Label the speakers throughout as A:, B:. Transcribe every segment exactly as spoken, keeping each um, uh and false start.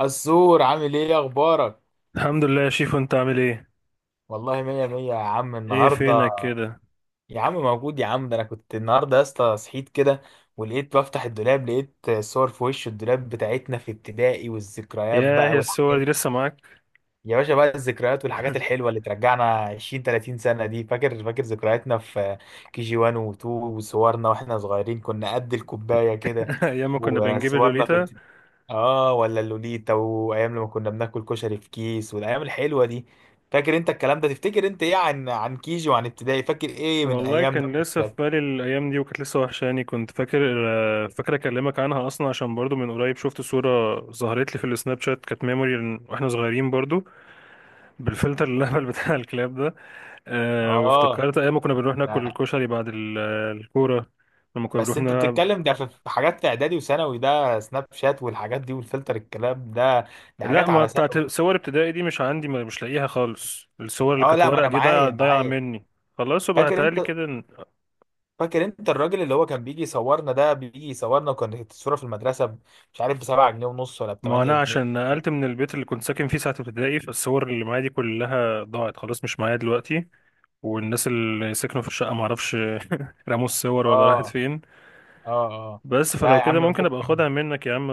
A: السور، عامل ايه؟ إيه اخبارك؟
B: الحمد لله يا شيف، انت عامل ايه؟
A: والله مية مية يا عم.
B: ايه
A: النهارده
B: فينك كده؟
A: يا عم موجود يا عم. ده انا كنت النهارده يا اسطى صحيت كده، ولقيت بفتح الدولاب لقيت صور في وش الدولاب بتاعتنا في ابتدائي والذكريات
B: ياه،
A: بقى،
B: يا
A: والح...
B: الصور دي لسه معاك؟
A: يا باشا بقى الذكريات والحاجات الحلوه اللي ترجعنا عشرين ثلاثين سنه دي. فاكر فاكر ذكرياتنا في كي جي واحد و2، وصورنا واحنا صغيرين كنا قد الكوبايه كده.
B: ايام ما كنا بنجيب
A: وصورنا
B: اللوليتا.
A: في اه ولا اللوليتا، وايام لما كنا بناكل كشري في كيس والايام الحلوه دي. فاكر انت الكلام ده؟ تفتكر انت ايه عن عن كيجي وعن ابتدائي؟ فاكر ايه من
B: والله
A: ايامنا
B: كان لسه في
A: وابتدائي؟
B: بالي الايام دي وكانت لسه وحشاني، كنت فاكر، آه، فاكر اكلمك عنها اصلا عشان برضو من قريب شفت صورة ظهرت لي في السناب شات، كانت ميموري واحنا صغيرين برضو بالفلتر الهبل بتاع الكلاب ده. أه
A: اه.
B: وافتكرت ايام ما كنا بنروح ناكل
A: لا.
B: الكشري بعد ال- آه، الكورة، لما كنا
A: بس
B: بنروح.
A: انت بتتكلم ده في في حاجات في اعدادي وثانوي، ده سناب شات والحاجات دي والفلتر الكلام ده، دي
B: لا،
A: حاجات
B: ما
A: على
B: بتاعت
A: ثانوي.
B: صور ابتدائي دي مش عندي، ما- مش لاقيها خالص، الصور اللي
A: اه
B: كانت
A: لا، ما
B: ورق
A: انا
B: دي ضايعة
A: معايا
B: ضايعة
A: معايا
B: مني. خلاص يبقى
A: فاكر
B: هتهيألي
A: انت
B: كده إن-
A: فاكر انت الراجل اللي هو كان بيجي يصورنا ده، بيجي يصورنا وكانت الصوره في المدرسه ب- مش عارف، ب سبعة جنيه ونص ولا ب
B: ما
A: 8
B: انا
A: جنيه
B: عشان نقلت من البيت اللي كنت ساكن فيه ساعة ابتدائي، فالصور اللي معايا دي كلها ضاعت خلاص، مش معايا دلوقتي، والناس اللي سكنوا في الشقة معرفش رموا الصور ولا راحت
A: اه،
B: فين.
A: اه، اه.
B: بس
A: لا
B: فلو
A: يا
B: كده
A: عم
B: ممكن ابقى
A: ممكن
B: اخدها منك يا عم،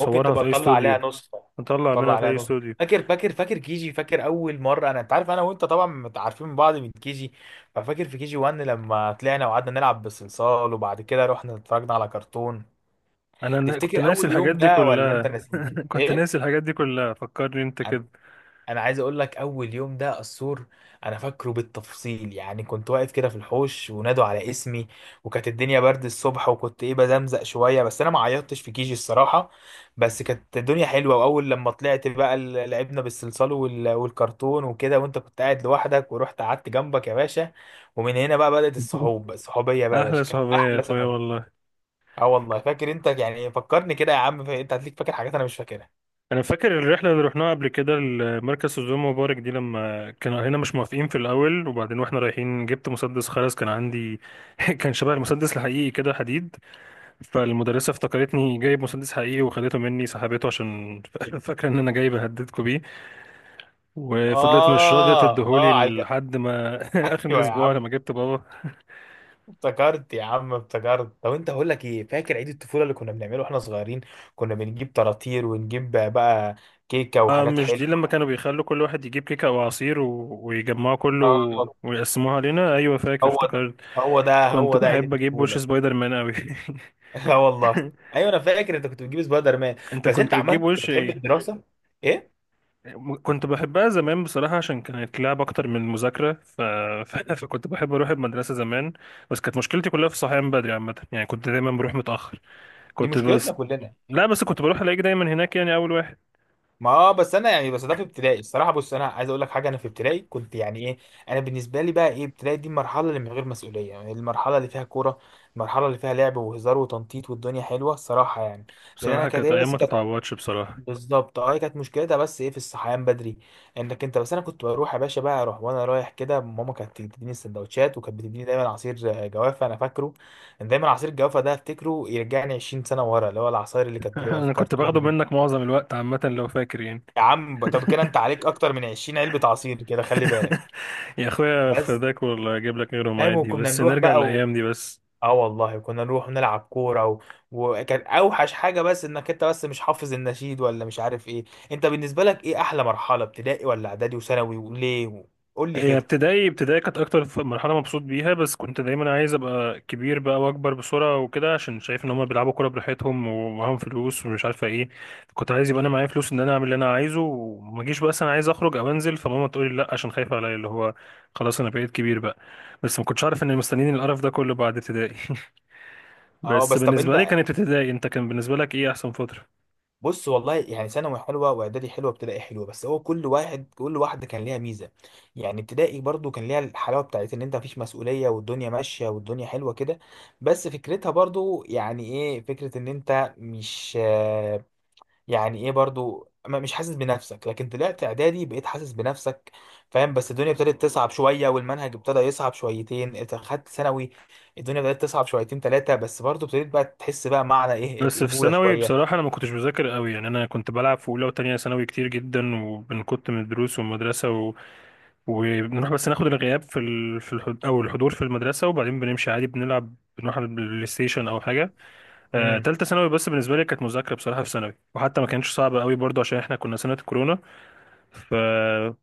A: ممكن تبقى
B: في اي
A: تطلع عليها
B: استوديو،
A: نسخه،
B: نطلع
A: تطلع
B: منها في
A: عليها
B: اي
A: نسخه.
B: استوديو.
A: فاكر فاكر فاكر كيجي. فاكر اول مره، انا انت عارف انا وانت طبعا متعارفين من بعض من كيجي. ففاكر في كيجي واحد لما طلعنا وقعدنا نلعب بالصلصال وبعد كده رحنا اتفرجنا على كرتون.
B: انا نا- كنت
A: تفتكر
B: ناسي
A: اول
B: الحاجات
A: يوم
B: دي
A: ده ولا انت
B: كلها.
A: ناسي؟
B: كنت
A: ايه.
B: ناسي الحاجات دي كلها، فكرني انت كده.
A: انا عايز اقول لك اول يوم ده، السور انا فاكره بالتفصيل. يعني كنت واقف كده في الحوش ونادوا على اسمي، وكانت الدنيا برد الصبح، وكنت ايه، بزمزق شويه بس انا ما عيطتش في كيجي الصراحه. بس كانت الدنيا حلوه، واول لما طلعت بقى ال- لعبنا بالصلصال وال- والكرتون وكده، وانت كنت قاعد لوحدك ورحت قعدت جنبك يا باشا. ومن هنا بقى بدأت الصحوب الصحوبيه بقى يا
B: احلى
A: باشا، كانت
B: صحوبية يا
A: احلى
B: اخويا
A: سنه.
B: والله.
A: اه والله فاكر انت. يعني فكرني كده يا عم، انت هتليك فاكر حاجات انا مش فاكرها.
B: انا فاكر الرحله اللي رحناها قبل كده لمركز سوزان مبارك دي، لما كانوا هنا مش موافقين في الاول، وبعدين واحنا رايحين جبت مسدس خرز كان عندي. كان شبه المسدس الحقيقي كده، حديد، فالمدرسه افتكرتني جايب مسدس حقيقي وخدته مني، سحبته عشان فاكره ان انا جاي بهددكوا بيه، وفضلت مش راضيه
A: اه،
B: تديهولي
A: اه، على الج-
B: لحد ما اخر
A: ايوه يا
B: الاسبوع
A: عم.
B: لما جبت بابا.
A: افتكرت يا عم افتكرت. طب انت هقول لك ايه، فاكر عيد الطفوله اللي كنا بنعمله واحنا صغيرين؟ كنا بنجيب طراطير ونجيب بقى كيكه
B: آه
A: وحاجات
B: مش دي
A: حلوه.
B: لما كانوا بيخلوا كل واحد يجيب كيكه او عصير و... ويجمعوا كله
A: اه،
B: ويقسموها علينا؟ ايوه فاكر،
A: هو ده،
B: افتكرت.
A: هو ده،
B: كنت
A: هو ده عيد
B: بحب اجيب وش
A: الطفوله.
B: سبايدر مان قوي.
A: اه والله. ايوه انا فاكر انت كنت بتجيب سبايدر مان.
B: انت
A: بس انت
B: كنت
A: عمال
B: بتجيب
A: كنت
B: وش
A: بتحب
B: ايه؟
A: الدراسه؟ ايه.
B: م- كنت بحبها زمان بصراحة عشان كانت لعب اكتر من المذاكرة، ف... ف... فكنت بحب اروح المدرسة زمان، بس كانت مشكلتي كلها في الصحيان بدري عامة، يعني كنت دايما بروح متأخر.
A: دي
B: كنت
A: مشكلتنا
B: بس
A: كلنا.
B: لا، بس كنت بروح الاقيك دايما هناك يعني اول واحد.
A: ما اه بس انا يعني، بس ده في ابتدائي الصراحه. بص، انا عايز اقول لك حاجه، انا في ابتدائي كنت يعني ايه. انا بالنسبه لي بقى ايه، ابتدائي دي المرحله اللي من غير مسؤوليه، يعني المرحله اللي فيها كوره، المرحله اللي فيها لعب وهزار وتنطيط والدنيا حلوه الصراحه يعني. لان انا
B: بصراحة
A: كانت
B: كانت
A: هي
B: ايام
A: بس
B: ما
A: كانت.
B: تتعوضش بصراحة.
A: بالظبط، اه هي كانت مشكلتها بس ايه في الصحيان بدري. انك انت بس انا كنت بروح يا باشا بقى، اروح وانا رايح كده ماما كانت تديني السندوتشات وكانت بتديني دايما عصير آه، جوافه انا فاكره. دايما عصير الجوافه ده افتكره يرجعني عشرين سنه ورا، اللي هو العصاير اللي كانت بتبقى في
B: انا كنت
A: كرتون
B: باخده
A: دي.
B: منك معظم الوقت عامة لو فاكر يعني.
A: يا عم طب كده انت عليك اكتر من عشرين علبة عصير كده خلي بالك.
B: يا اخويا
A: بس
B: فداك والله، اجيب لك غيرهم
A: فاهم،
B: عادي،
A: وكنا
B: بس
A: نروح
B: نرجع
A: بقى و...
B: للايام دي بس.
A: اه والله كنا نروح نلعب كورة و... وكان اوحش حاجة بس انك انت بس مش حافظ النشيد ولا مش عارف ايه. انت بالنسبة لك ايه احلى مرحلة، ابتدائي ولا اعدادي وثانوي وليه؟ قول لي
B: هي
A: كده.
B: ابتدائي، ابتدائي كانت اكتر ف- مرحله مبسوط بيها، بس كنت دايما عايز ابقى كبير بقى، واكبر بسرعه وكده عشان شايف ان هم بيلعبوا كوره براحتهم ومعاهم فلوس ومش عارفه ايه. كنت عايز يبقى انا معايا فلوس ان انا اعمل اللي انا عايزه، وما اجيش بقى، أصل انا عايز اخرج او انزل فماما تقول لي لا عشان خايفه عليا، اللي هو خلاص انا بقيت كبير بقى. بس ما كنتش عارف ان مستنيين القرف ده كله بعد ابتدائي.
A: اه
B: بس
A: بس طب
B: بالنسبه لي
A: انت،
B: كانت ابتدائي، انت كان بالنسبه لك ايه احسن فتره؟
A: بص والله يعني ثانوي حلوه واعدادي حلوه وابتدائي حلوه، بس هو كل واحد، كل واحده كان ليها ميزه. يعني ابتدائي برضو كان ليها الحلاوه بتاعت ان انت مفيش مسؤوليه والدنيا ماشيه والدنيا حلوه كده. بس فكرتها برضو يعني ايه، فكره ان انت مش آه، يعني ايه برضو ما- مش حاسس بنفسك. لكن طلعت اعدادي بقيت حاسس بنفسك، فاهم. بس الدنيا ابتدت تصعب شويه والمنهج ابتدى يصعب شويتين، انت خدت ثانوي الدنيا بدات تصعب شويتين ثلاثه، بس برضو ابتديت بقى تحس بقى معنى ايه
B: بس في
A: الرجوله
B: ثانوي
A: شويه.
B: بصراحة، أنا ما كنتش بذاكر قوي، يعني أنا كنت بلعب في أولى وتانية ثانوي كتير جدا، وكنت من الدروس والمدرسة وبنروح بس ناخد الغياب في ال... في الحض... او الحضور في المدرسه، وبعدين بنمشي عادي، بنلعب، بنروح على البلاي ستيشن او حاجه. آه،
A: امم.
B: تالتة ثانوي بس بالنسبه لي كانت مذاكره بصراحه في ثانوي، وحتى ما كانتش صعبه قوي برضو عشان احنا كنا سنه الكورونا، فسنه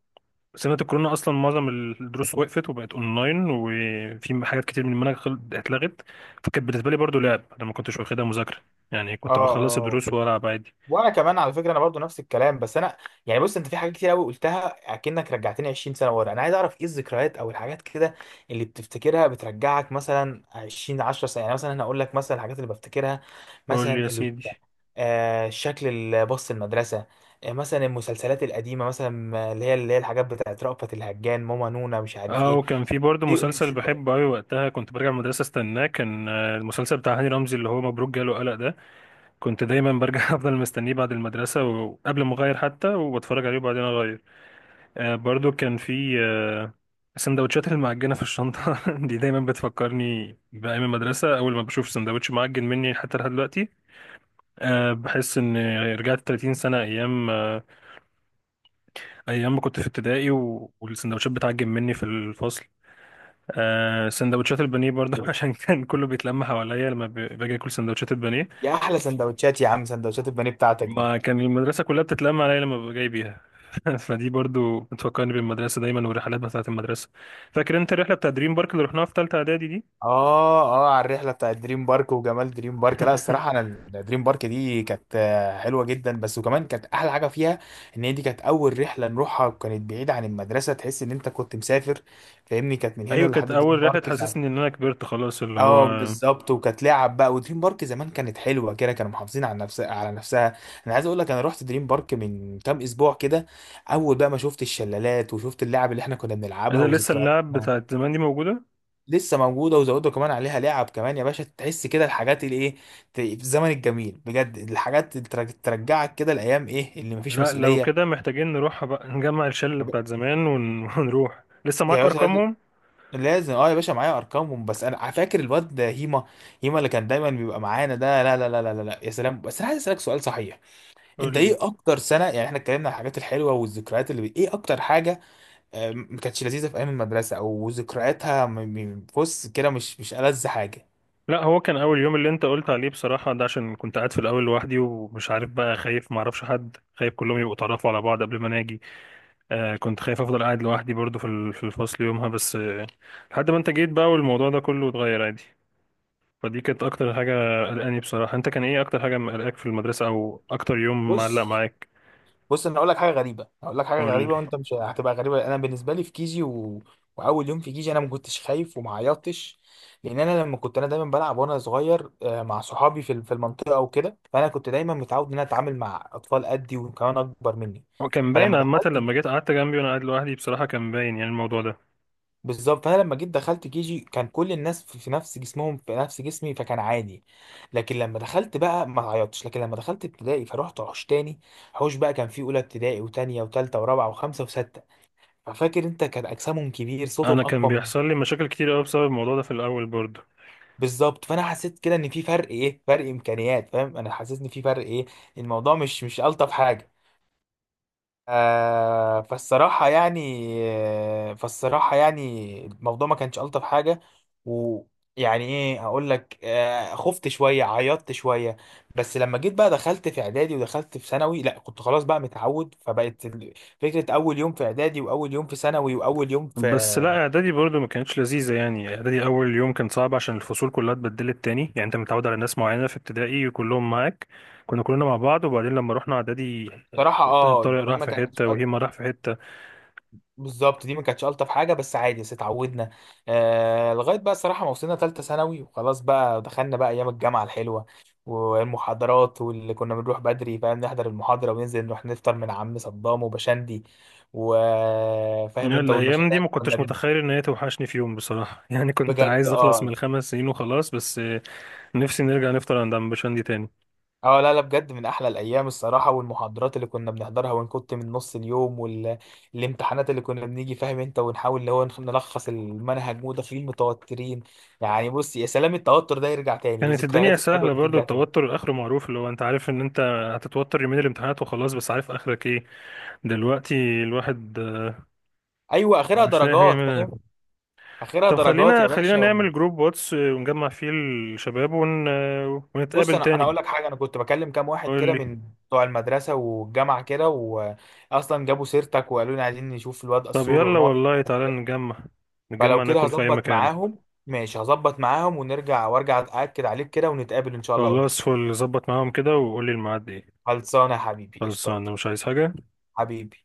B: الكورونا اصلا معظم الدروس وقفت وبقت اونلاين، وفي حاجات كتير من المنهج خل- اتلغت. فكانت بالنسبه لي برضو لعب، انا ما كنتش واخدها مذاكره، يعني
A: اه،
B: كنت بخلص
A: اه.
B: الدروس والعب عادي.
A: وانا كمان على فكره انا برضو نفس الكلام، بس انا يعني بص، انت في حاجات كتير قوي قلتها اكنك رجعتني عشرين سنه ورا. انا عايز اعرف ايه الذكريات او الحاجات كده اللي بتفتكرها بترجعك مثلا عشرين عشر سنه. يعني مثلا انا هقول لك مثلا الحاجات اللي بفتكرها،
B: قول
A: مثلا
B: لي يا
A: اللي
B: سيدي.
A: آه شكل الباص المدرسه، آه مثلا المسلسلات القديمه، مثلا آه، اللي هي اللي هي الحاجات بتاعت رأفت الهجان، ماما نونا، مش عارف
B: اه،
A: ايه،
B: وكان في برضه
A: ايه
B: مسلسل
A: الموسيقى.
B: بحبه قوي وقتها، كنت برجع من المدرسه استناه، كان آه، المسلسل بتاع هاني رمزي اللي هو مبروك جاله قلق ده. كنت دايما برجع افضل مستنيه بعد المدرسه وقبل ما اغير حتى، وبتفرج عليه وبعدين اغير. آه برضه كان في آه سندوتشات المعجنه في الشنطه. دي دايما بتفكرني بايام المدرسه، اول ما بشوف سندوتش معجن مني حتى لحد دلوقتي، آه بحس ان رجعت ثلاثين سنه، ايام آه، ايام ما كنت في ابتدائي، و- والسندوتشات بتعجن مني في الفصل. آه سندوتشات البانيه برضه عشان كان كله بيتلم حواليا لما ب- باجي اكل سندوتشات البانيه،
A: يا احلى سندوتشات يا عم، سندوتشات البانيه بتاعتك دي.
B: ما كان المدرسه كلها بتتلم عليا لما ببقى جاي بيها. فدي برضو بتفكرني بالمدرسه دايما، والرحلات بتاعه المدرسه. فاكر انت الرحله بتاع دريم بارك اللي رحناها في ثالثه اعدادي دي؟
A: اه، اه، على الرحله بتاعت دريم بارك وجمال دريم بارك. لا الصراحه، انا ال- دريم بارك دي كانت آه، حلوه جدا بس. وكمان كانت احلى حاجه فيها ان هي دي كانت اول رحله نروحها وكانت بعيده عن المدرسه، تحس ان انت كنت مسافر. فاهمني كانت من هنا
B: ايوه،
A: لحد
B: كانت
A: دريم
B: اول رحله
A: بارك ساعه.
B: تحسسني ان انا كبرت خلاص، اللي
A: اه
B: هو
A: بالظبط، وكانت لعب بقى ودريم بارك زمان كانت حلوه كده، كانوا محافظين على نفسها على نفسها. انا عايز اقول لك انا رحت دريم بارك من كام اسبوع كده، اول بقى ما شفت الشلالات وشفت اللعب اللي احنا كنا بنلعبها
B: انا لسه اللعب
A: وذكرياتنا.
B: بتاعت زمان دي موجوده.
A: لسه موجوده وزودوا كمان عليها لعب كمان يا باشا، تحس كده الحاجات اللي ايه ت- في الزمن الجميل بجد، الحاجات اللي ترج- ترجعك كده الايام ايه اللي مفيش
B: لا لو
A: مسؤوليه.
B: كده محتاجين نروح بقى نجمع الشله بتاعت زمان ون... ونروح، لسه
A: يا
B: معاك
A: باشا لازم،
B: ارقامهم؟
A: لازم- اه يا باشا معايا ارقامهم. بس انا فاكر الواد ده هيما، هيما اللي كان دايما بيبقى معانا ده، لا لا لا لا لا لا، يا سلام. بس انا عايز اسالك سؤال صحيح،
B: قول
A: انت ايه
B: لي.
A: اكتر سنه، يعني احنا اتكلمنا عن الحاجات الحلوه والذكريات، اللي ايه اكتر حاجه آه، ما كانتش لذيذه في ايام المدرسه او ذكرياتها، م- م- بص كده، مش مش ألذ حاجه.
B: لا، هو كان اول يوم اللي انت قلت عليه بصراحه ده، عشان كنت قاعد في الاول لوحدي، ومش عارف بقى، خايف ما اعرفش حد، خايف كلهم يبقوا اتعرفوا على بعض قبل ما انا اجي. آه كنت خايف افضل قاعد لوحدي برضو في ال- في الفصل يومها، بس آه لحد ما انت جيت بقى والموضوع ده كله اتغير عادي. فدي كانت اكتر حاجه قلقاني بصراحه، انت كان ايه اكتر حاجه مقلقاك في المدرسه او اكتر يوم معلق
A: بص،
B: معاك؟
A: بص انا اقول لك حاجه غريبه، اقول لك حاجه
B: قول لي.
A: غريبه، وانت مش هتبقى غريبه، انا بالنسبه لي في كيجي و... واول يوم في كيجي انا ما كنتش خايف وما عيطتش. لان انا لما كنت انا دايما بلعب وانا صغير آه، مع صحابي في في المنطقه وكده، فانا كنت دايما متعود ان انا اتعامل مع اطفال قدي وكمان اكبر مني.
B: هو كان باين
A: فلما
B: عامه
A: دخلت،
B: لما جيت قعدت جنبي وانا قاعد لوحدي، بصراحه كان باين يعني الموضوع ده،
A: بالظبط، فانا لما جيت دخلت كيجي كان كل الناس في في نفس جسمهم في نفس جسمي فكان عادي. لكن لما دخلت بقى ما عيطتش، لكن لما دخلت ابتدائي فروحت حوش تاني، حوش بقى كان فيه اولى ابتدائي وتانية وتالتة ورابعة وخمسة وستة. ففاكر انت كان اجسامهم كبير صوتهم
B: انا كان
A: اقوى من،
B: بيحصل لي مشاكل كتير قوي بسبب الموضوع ده في الاول برضو.
A: بالظبط. فانا حسيت كده ان في فرق ايه، فرق امكانيات، فاهم. انا حسيت ان في فرق ايه، الموضوع مش مش الطف حاجه، آه فالصراحه يعني آه، فالصراحه يعني الموضوع ما كانش الطف حاجه. ويعني ايه اقول لك، آه خفت شويه، عيطت شويه. بس لما جيت بقى دخلت في اعدادي ودخلت في ثانوي لا كنت خلاص بقى متعود، فبقت ال- فكره اول يوم في اعدادي واول يوم في ثانوي واول يوم في،
B: بس لا اعدادي برضو ما كانتش لذيذه، يعني اعدادي اول يوم كان صعب عشان الفصول كلها اتبدلت تاني، يعني انت متعود على ناس معينه في ابتدائي كلهم معاك، كنا كلنا مع بعض، وبعدين لما رحنا اعدادي
A: صراحة
B: كنت
A: اه
B: طارق
A: دي
B: راح
A: ما
B: في
A: كانت،
B: حته وهيما راح في حته.
A: بالظبط دي ما كانتش الطف حاجه، بس عادي بس اتعودنا. آه لغايه بقى الصراحه ما وصلنا ثالثه ثانوي وخلاص بقى دخلنا بقى ايام الجامعه الحلوه والمحاضرات، واللي كنا بنروح بدري فاهم نحضر المحاضره وننزل نروح نفطر من عم صدام وبشندي وفاهم
B: يعني
A: انت،
B: الايام
A: والمشاريع
B: دي ما
A: اللي كنا
B: كنتش
A: بن-
B: متخيل ان هي توحشني في يوم بصراحه. يعني كنت
A: بجد،
B: عايز اخلص من
A: اه،
B: الخمس سنين وخلاص بس، نفسي نرجع نفطر عند عم بشندي تاني.
A: اه، لا لا، بجد من احلى الايام الصراحه. والمحاضرات اللي كنا بنحضرها ونكت من نص اليوم، والامتحانات اللي كنا بنيجي فاهم انت، ونحاول اللي هو نخ- نلخص المنهج وداخلين متوترين. يعني بص يا سلام، التوتر ده يرجع تاني
B: كانت الدنيا
A: والذكريات الحلوه
B: سهله
A: دي
B: برضو،
A: ترجع تاني.
B: التوتر اخره معروف، اللي هو انت عارف ان انت هتتوتر يومين الامتحانات وخلاص، بس عارف اخرك ايه. دلوقتي الواحد
A: ايوه اخرها
B: مش لاقي حاجه
A: درجات
B: يعملها.
A: فاهم، اخرها
B: طب
A: درجات
B: خلينا،
A: يا
B: خلينا
A: باشا.
B: نعمل جروب واتس ونجمع فيه الشباب ون...
A: بص
B: ونتقابل
A: انا انا
B: تاني.
A: اقول لك حاجه، انا كنت بكلم كام واحد
B: قول
A: كده
B: لي.
A: من بتوع المدرسه والجامعه كده، واصلا جابوا سيرتك وقالوا لي عايزين نشوف الواد
B: طب
A: قصور
B: يلا
A: ونقعد.
B: والله، تعالى نجمع، نجمع
A: فلو كده
B: ناكل في اي
A: هظبط
B: مكان.
A: معاهم، ماشي هظبط معاهم ونرجع وارجع أأكد عليك كده ونتقابل إن شاء الله قريب.
B: خلاص، فل، ظبط معاهم كده وقول لي الميعاد ايه.
A: خلصانة يا حبيبي
B: خلصان،
A: قشطات.
B: انا مش عايز حاجة.
A: حبيبي.